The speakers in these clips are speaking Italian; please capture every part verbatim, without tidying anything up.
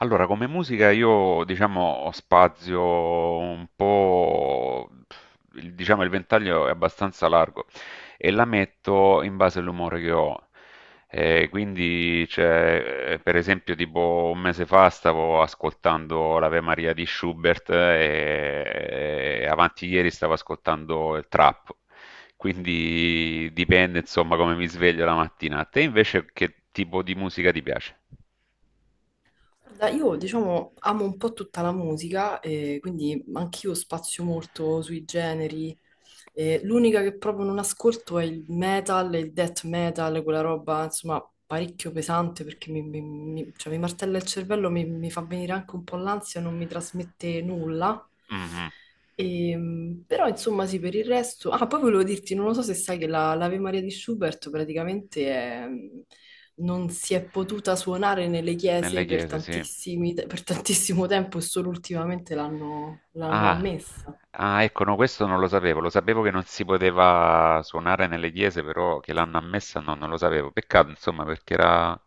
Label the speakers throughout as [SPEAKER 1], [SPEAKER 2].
[SPEAKER 1] Allora, come musica io diciamo ho spazio un po', il- diciamo il ventaglio è abbastanza largo e la metto in base all'umore che ho. Eh, quindi, c'è, eh, per esempio, tipo un mese fa stavo ascoltando l'Ave Maria di Schubert e, e avanti ieri stavo ascoltando il trap. Quindi dipende insomma come mi sveglio la mattina. A te invece che tipo di musica ti piace?
[SPEAKER 2] Guarda, io diciamo amo un po' tutta la musica, e quindi anch'io spazio molto sui generi. Eh, l'unica che proprio non ascolto è il metal, e il death metal, quella roba insomma parecchio pesante perché mi, mi- mi- cioè, mi martella il cervello, mi, mi fa venire anche un po' l'ansia, non mi trasmette nulla.
[SPEAKER 1] Mh-mh.
[SPEAKER 2] Ehm, però insomma sì, per il resto... Ah, poi volevo dirti, non lo so se sai che la- l'Ave Maria di Schubert praticamente è- mm, non si è potuta suonare nelle
[SPEAKER 1] Nelle
[SPEAKER 2] chiese per
[SPEAKER 1] chiese, sì.
[SPEAKER 2] tantissimi- per tantissimo tempo e solo ultimamente l'hanno l'hanno
[SPEAKER 1] Ah.
[SPEAKER 2] ammessa.
[SPEAKER 1] Ah, ecco, no, questo non lo sapevo. Lo sapevo che non si poteva suonare nelle chiese, però che l'hanno ammessa no, non lo sapevo. Peccato, insomma, perché era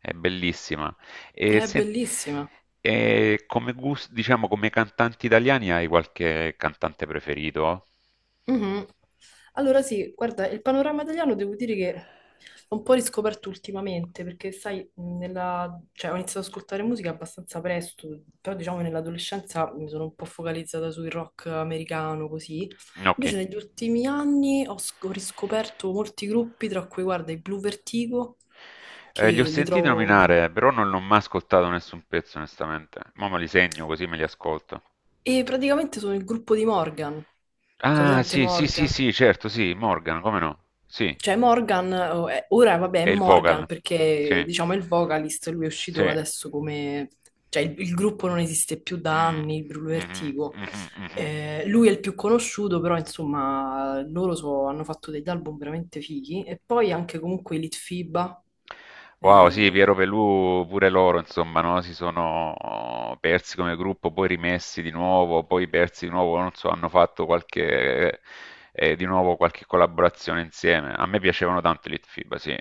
[SPEAKER 1] è bellissima. E
[SPEAKER 2] È
[SPEAKER 1] sen
[SPEAKER 2] bellissima.
[SPEAKER 1] e come gus diciamo, come cantanti italiani hai qualche cantante preferito?
[SPEAKER 2] Mhm. Allora sì, guarda, il panorama italiano devo dire che l'ho un po' riscoperto ultimamente, perché sai, nella- cioè, ho iniziato ad ascoltare musica abbastanza presto, però diciamo nell'adolescenza mi sono un po' focalizzata sul rock americano, così.
[SPEAKER 1] No, okay.
[SPEAKER 2] Invece negli ultimi anni ho, sc- ho riscoperto molti gruppi, tra cui guarda i Blue Vertigo, che
[SPEAKER 1] Ehm, li ho
[SPEAKER 2] li
[SPEAKER 1] sentiti
[SPEAKER 2] trovo...
[SPEAKER 1] nominare, però non l'ho mai ascoltato nessun pezzo onestamente. Mo' me li segno così me li ascolto.
[SPEAKER 2] E praticamente sono il gruppo di Morgan, cioè
[SPEAKER 1] Ah,
[SPEAKER 2] presente
[SPEAKER 1] sì, sì, sì,
[SPEAKER 2] Morgan,
[SPEAKER 1] sì, certo, sì, Morgan, come no? Sì,
[SPEAKER 2] cioè Morgan, oh, eh, ora vabbè è
[SPEAKER 1] è il
[SPEAKER 2] Morgan
[SPEAKER 1] vocal.
[SPEAKER 2] perché
[SPEAKER 1] Sì,
[SPEAKER 2] diciamo è il vocalist, lui è
[SPEAKER 1] sì.
[SPEAKER 2] uscito adesso come... cioè il, il gruppo non esiste più da
[SPEAKER 1] Mm.
[SPEAKER 2] anni, il Bruno
[SPEAKER 1] Mhm,
[SPEAKER 2] Vertigo.
[SPEAKER 1] mhm, mhm, mhm.
[SPEAKER 2] Eh, lui è il più conosciuto, però insomma loro so- hanno fatto degli album veramente fighi e poi anche comunque i Litfiba.
[SPEAKER 1] Wow, sì, Piero Pelù pure loro, insomma, no? Si sono persi come gruppo, poi rimessi di nuovo, poi persi di nuovo, non so, hanno fatto qualche, eh, di nuovo qualche collaborazione insieme. A me piacevano tanto i Litfiba, sì.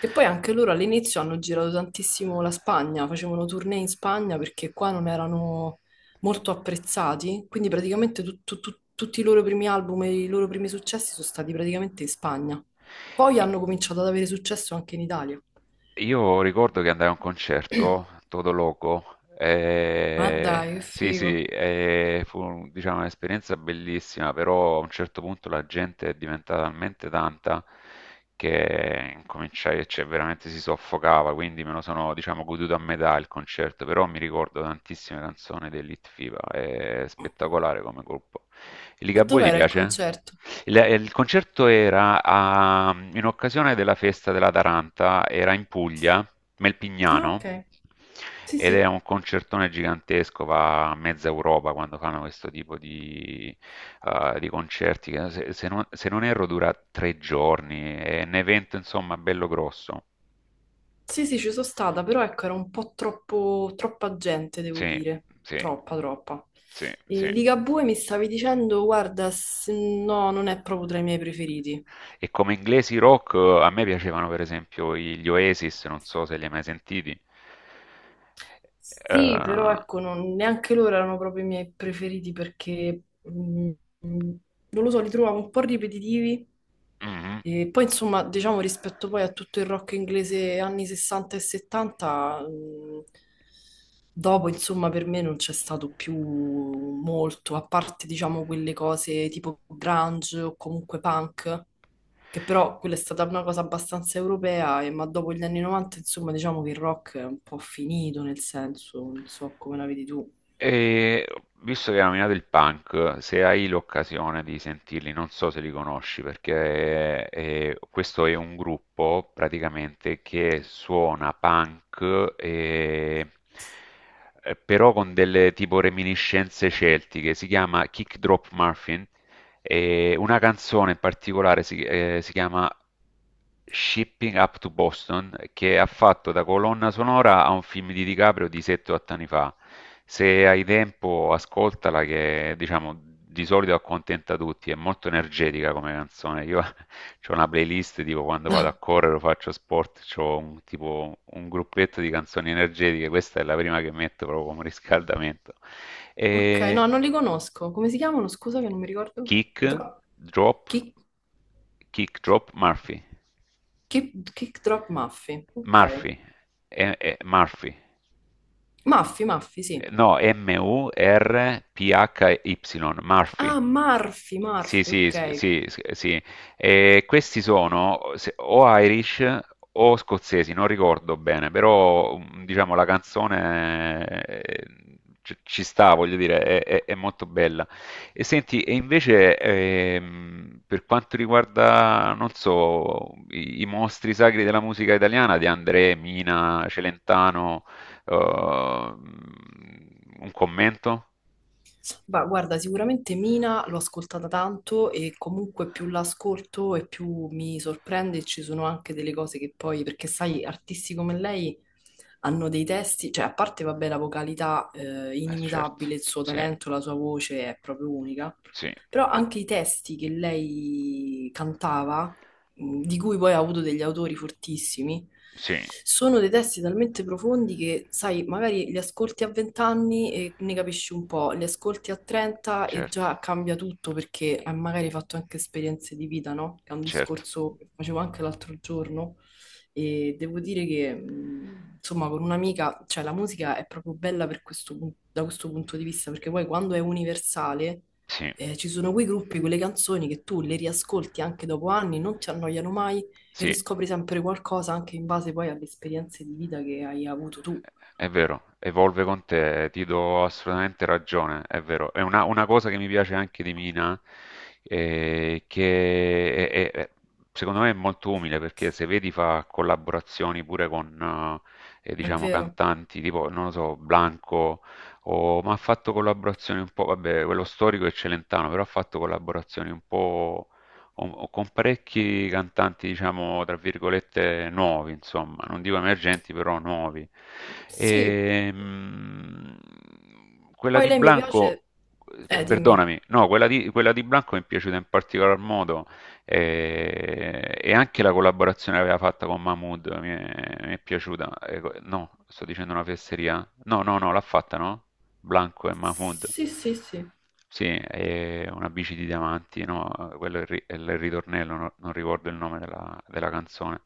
[SPEAKER 2] Che poi anche loro all'inizio hanno girato tantissimo la Spagna, facevano tournée in Spagna perché qua non erano molto apprezzati, quindi praticamente tut- tut- tut- tutti i loro primi album e i loro primi successi sono stati praticamente in Spagna. Poi hanno cominciato ad avere successo anche in Italia.
[SPEAKER 1] Io ricordo che andai a un concerto, Todo Loco,
[SPEAKER 2] Ma
[SPEAKER 1] e...
[SPEAKER 2] dai, che
[SPEAKER 1] sì sì,
[SPEAKER 2] figo.
[SPEAKER 1] e fu diciamo, un'esperienza bellissima, però a un certo punto la gente è diventata talmente tanta che cominciai, cioè veramente si soffocava, quindi me lo sono diciamo, goduto a metà il concerto, però mi ricordo tantissime canzoni dell'Hit F I B A, è spettacolare come gruppo. I
[SPEAKER 2] E
[SPEAKER 1] Ligabue ti
[SPEAKER 2] dov'era il
[SPEAKER 1] piace?
[SPEAKER 2] concerto?
[SPEAKER 1] Il, il concerto era a- in occasione della festa della Taranta, era in Puglia,
[SPEAKER 2] Ah,
[SPEAKER 1] Melpignano,
[SPEAKER 2] ok. Sì,
[SPEAKER 1] ed
[SPEAKER 2] sì.
[SPEAKER 1] era un concertone gigantesco, va a mezza Europa quando fanno questo tipo di, eh, di concerti, che se, se non, se non erro dura tre giorni, è un evento insomma bello grosso.
[SPEAKER 2] Sì, sì, ci sono stata, però ecco, era un po' troppo, troppa gente, devo
[SPEAKER 1] Sì,
[SPEAKER 2] dire.
[SPEAKER 1] sì,
[SPEAKER 2] Troppa, troppa.
[SPEAKER 1] sì, sì.
[SPEAKER 2] E Ligabue mi stavi dicendo, guarda, s- no, non è proprio tra i miei preferiti.
[SPEAKER 1] E come inglesi rock eh, a me piacevano per esempio i- gli Oasis, non so se li hai mai sentiti.
[SPEAKER 2] Sì, però
[SPEAKER 1] Eh,
[SPEAKER 2] ecco, non- neanche loro erano proprio i miei preferiti perché, mm, mm, non lo so, li trovavo un po' ripetitivi.
[SPEAKER 1] mhm.
[SPEAKER 2] E poi insomma, diciamo rispetto poi a tutto il rock inglese anni sessanta e settanta, mh, dopo insomma per me non c'è stato più molto, a parte diciamo quelle cose tipo grunge o comunque punk, che però quella è stata una cosa abbastanza europea, e, ma dopo gli anni novanta insomma diciamo che il rock è un po' finito nel senso, non so come la vedi tu.
[SPEAKER 1] E visto che hai nominato il punk, se hai l'occasione di sentirli, non so se li conosci, perché eh, questo è un gruppo praticamente che suona punk, e- eh, però con delle tipo reminiscenze celtiche, si chiama Kick Drop Muffin. E una canzone in particolare si, eh, si chiama Shipping Up to Boston, che ha fatto da colonna sonora a un film di DiCaprio di sette o otto anni fa. Se hai tempo, ascoltala, che diciamo di solito accontenta tutti. È molto energetica come canzone. Io ho una playlist tipo quando vado a correre o faccio sport, ho un, tipo un gruppetto di canzoni energetiche. Questa è la prima che metto proprio come riscaldamento.
[SPEAKER 2] Ok,
[SPEAKER 1] E
[SPEAKER 2] no, non li conosco. Come si chiamano? Scusa che non mi ricordo.
[SPEAKER 1] Kick
[SPEAKER 2] Gro-
[SPEAKER 1] Drop
[SPEAKER 2] chi?
[SPEAKER 1] Kick Drop Murphy.
[SPEAKER 2] Kick, kick drop Muffy, ok.
[SPEAKER 1] Murphy e, e Murphy.
[SPEAKER 2] Muffy, Muffy, sì.
[SPEAKER 1] Eh, No, M-U-R-P-H-Y,
[SPEAKER 2] Ah,
[SPEAKER 1] Murphy.
[SPEAKER 2] Murphy,
[SPEAKER 1] Sì,
[SPEAKER 2] Murphy,
[SPEAKER 1] sì,
[SPEAKER 2] ok.
[SPEAKER 1] sc- sì, sc- sì. E questi sono se- o Irish o scozzesi, non ricordo bene, però mm, diciamo la canzone eh, ci ci sta, voglio dire, è, è- è molto bella. E senti, e invece ehm, per quanto riguarda, non so, i, i mostri sacri della musica italiana di André, Mina, Celentano, uh, un commento?
[SPEAKER 2] Ma guarda, sicuramente Mina l'ho ascoltata tanto e comunque più l'ascolto e più mi sorprende e ci sono anche delle cose che poi, perché sai, artisti come lei hanno dei testi, cioè a parte, vabbè, la vocalità eh,
[SPEAKER 1] Eh, certo,
[SPEAKER 2] inimitabile, il suo
[SPEAKER 1] sì,
[SPEAKER 2] talento, la sua voce è proprio unica,
[SPEAKER 1] sì,
[SPEAKER 2] però anche i testi che lei cantava mh, di cui poi ha avuto degli autori fortissimi,
[SPEAKER 1] sì,
[SPEAKER 2] sono dei testi talmente profondi che, sai, magari li ascolti a venti anni e ne capisci un po', li ascolti a trenta e
[SPEAKER 1] certo,
[SPEAKER 2] già cambia tutto perché hai magari fatto anche esperienze di vita, no? È un
[SPEAKER 1] certo,
[SPEAKER 2] discorso che facevo anche l'altro giorno e devo dire che, mh, insomma, con un'amica, cioè la musica è proprio bella per questo pun- da questo punto di vista perché poi quando è universale,
[SPEAKER 1] sì,
[SPEAKER 2] eh, ci sono quei gruppi, quelle canzoni che tu le riascolti anche dopo anni, non ti annoiano mai e
[SPEAKER 1] sì.
[SPEAKER 2] riscopri sempre qualcosa anche in base poi alle esperienze di vita che hai avuto tu.
[SPEAKER 1] È vero, evolve con te, ti do assolutamente ragione, è vero. È una, una cosa che mi piace anche di Mina, eh, che è- è- è- secondo me è molto umile, perché se vedi fa collaborazioni pure con, eh, eh,
[SPEAKER 2] È
[SPEAKER 1] diciamo,
[SPEAKER 2] vero?
[SPEAKER 1] cantanti, tipo, non lo so, Blanco, o, ma ha fatto collaborazioni un po', vabbè, quello storico è Celentano, però ha fatto collaborazioni un po' o, o con parecchi cantanti, diciamo, tra virgolette, nuovi, insomma, non dico emergenti, però nuovi.
[SPEAKER 2] Sì.
[SPEAKER 1] E, mh, quella
[SPEAKER 2] Poi
[SPEAKER 1] di
[SPEAKER 2] lei mi
[SPEAKER 1] Blanco,
[SPEAKER 2] piace...
[SPEAKER 1] eh,
[SPEAKER 2] Eh, dimmi.
[SPEAKER 1] perdonami, no, quella di, quella di Blanco mi è piaciuta in particolar modo eh, e, anche la collaborazione che aveva fatta con Mahmood mi è, mi è piaciuta. Eh, co- no, sto dicendo una fesseria. No, no, no, l'ha fatta, no? Blanco e Mahmood.
[SPEAKER 2] Sì, sì, sì.
[SPEAKER 1] Sì, è una bici di diamanti, no? Quello è il, ri- è il ritornello, no- non ricordo il nome della, della canzone.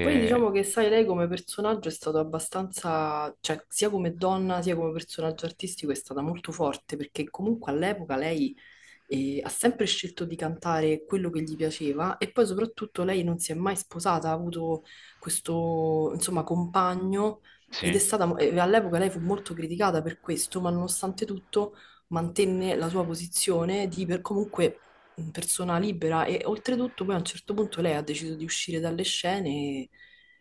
[SPEAKER 2] Poi diciamo che, sai, lei come personaggio è stato abbastanza, cioè sia come donna sia come personaggio artistico è stata molto forte perché comunque all'epoca lei e ha sempre scelto di cantare quello che gli piaceva e poi soprattutto lei non si è mai sposata, ha avuto questo, insomma, compagno ed è
[SPEAKER 1] sì,
[SPEAKER 2] stata, e all'epoca lei fu molto criticata per questo, ma nonostante tutto mantenne la sua posizione di per, comunque mh, persona libera e oltretutto poi a un certo punto lei ha deciso di uscire dalle scene e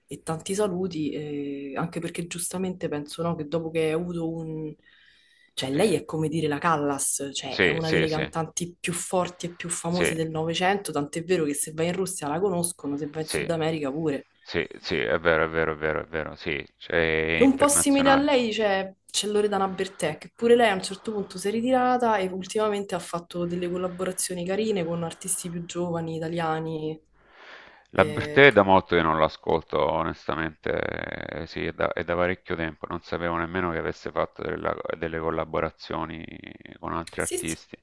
[SPEAKER 2] e tanti saluti, eh, anche perché giustamente penso, no, che dopo che hai avuto un... Cioè,
[SPEAKER 1] sì,
[SPEAKER 2] lei è come dire la Callas, cioè è
[SPEAKER 1] sì,
[SPEAKER 2] una
[SPEAKER 1] sì,
[SPEAKER 2] delle
[SPEAKER 1] sì,
[SPEAKER 2] cantanti più forti e più
[SPEAKER 1] sì,
[SPEAKER 2] famose del Novecento, tant'è vero che se vai in Russia la conoscono, se vai in
[SPEAKER 1] sì,
[SPEAKER 2] Sud America pure.
[SPEAKER 1] sì, sì, è vero, è vero, è vero, è vero, sì, cioè, è
[SPEAKER 2] È un po' simile a
[SPEAKER 1] internazionale.
[SPEAKER 2] lei, cioè, c'è Loredana Bertè, che pure lei a un certo punto si è ritirata e ultimamente ha fatto delle collaborazioni carine con artisti più giovani, italiani.
[SPEAKER 1] La
[SPEAKER 2] Eh,
[SPEAKER 1] Bertè è da molto che non l'ascolto, onestamente, eh, sì, è da, è da parecchio tempo, non sapevo nemmeno che avesse fatto della- delle collaborazioni con altri
[SPEAKER 2] Sì, sì.
[SPEAKER 1] artisti.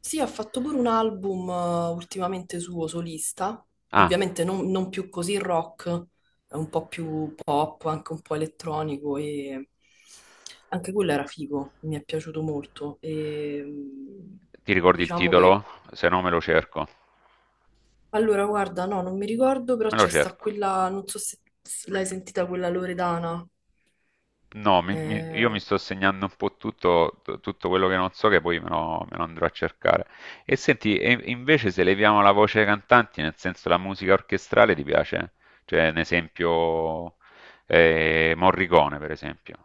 [SPEAKER 2] Sì, ha fatto pure un album eh, ultimamente suo solista,
[SPEAKER 1] Ah,
[SPEAKER 2] ovviamente non, non più così rock, è un po' più pop, anche un po' elettronico e anche quello era figo, mi è piaciuto molto. E, mh,
[SPEAKER 1] ti ricordi il
[SPEAKER 2] diciamo
[SPEAKER 1] titolo?
[SPEAKER 2] che...
[SPEAKER 1] Se no me lo cerco.
[SPEAKER 2] Allora, guarda, no, non mi ricordo, però
[SPEAKER 1] Me lo
[SPEAKER 2] c'è sta
[SPEAKER 1] cerco.
[SPEAKER 2] quella, non so se l'hai sentita quella Loredana,
[SPEAKER 1] No, mi- mi- io
[SPEAKER 2] eh,
[SPEAKER 1] mi sto segnando un po' tutto, t- tutto quello che non so che poi me lo, me lo andrò a cercare. E senti, e invece se leviamo la voce ai cantanti, nel senso la musica orchestrale ti piace? Cioè, un esempio, eh, Morricone, per esempio.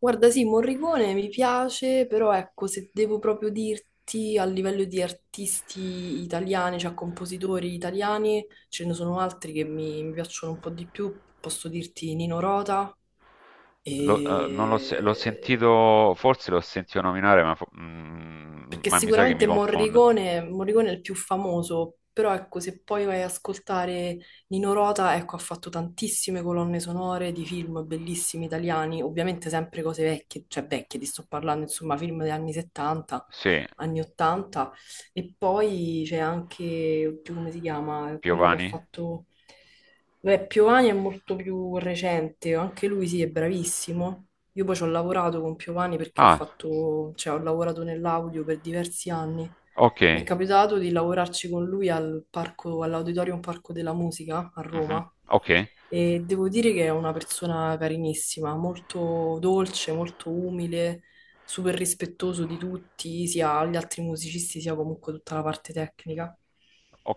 [SPEAKER 2] guarda, sì, Morricone mi piace, però ecco, se devo proprio dirti a livello di artisti italiani, cioè compositori italiani, ce ne sono altri che mi, mi piacciono un po' di più. Posso dirti Nino Rota
[SPEAKER 1] Lo- eh, non l'ho se- l'ho
[SPEAKER 2] e
[SPEAKER 1] sentito, forse l'ho sentito nominare, ma, fo- mm,
[SPEAKER 2] perché
[SPEAKER 1] ma mi sa che mi
[SPEAKER 2] sicuramente
[SPEAKER 1] confondo.
[SPEAKER 2] Morricone, Morricone è il più famoso, però ecco, se poi vai ad ascoltare Nino Rota, ecco, ha fatto tantissime colonne sonore di film bellissimi italiani, ovviamente sempre cose vecchie, cioè vecchie, ti sto parlando, insomma, film degli anni settanta,
[SPEAKER 1] Sì,
[SPEAKER 2] anni ottanta, e poi c'è anche, oddio, come si chiama, quello che ha
[SPEAKER 1] Piovani.
[SPEAKER 2] fatto... Beh, Piovani è molto più recente, anche lui sì, è bravissimo, io poi ci ho lavorato con Piovani perché ho
[SPEAKER 1] Ah,
[SPEAKER 2] fatto, cioè, ho lavorato nell'audio per diversi anni. Mi è
[SPEAKER 1] ok.
[SPEAKER 2] capitato di lavorarci con lui al parco, all'Auditorium Parco della Musica a
[SPEAKER 1] Mh-mh.
[SPEAKER 2] Roma
[SPEAKER 1] Okay,
[SPEAKER 2] e devo dire che è una persona carinissima, molto dolce, molto umile, super rispettoso di tutti, sia gli altri musicisti sia comunque tutta la parte tecnica.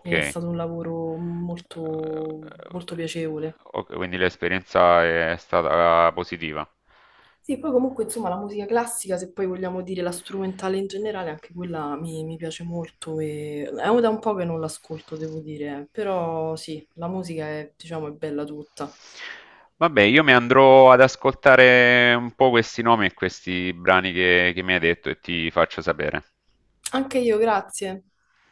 [SPEAKER 2] È stato un lavoro molto molto
[SPEAKER 1] Uhm,
[SPEAKER 2] piacevole.
[SPEAKER 1] oka quindi l'esperienza è stata positiva.
[SPEAKER 2] Sì, poi comunque insomma la musica classica, se poi vogliamo dire la strumentale in generale, anche quella mi, mi piace molto e è da un po' che non l'ascolto, devo dire, però sì, la musica è, diciamo, è bella tutta.
[SPEAKER 1] Vabbè, io mi andrò ad ascoltare un po' questi nomi e questi brani che che mi hai detto e ti faccio sapere.
[SPEAKER 2] Anche io, grazie.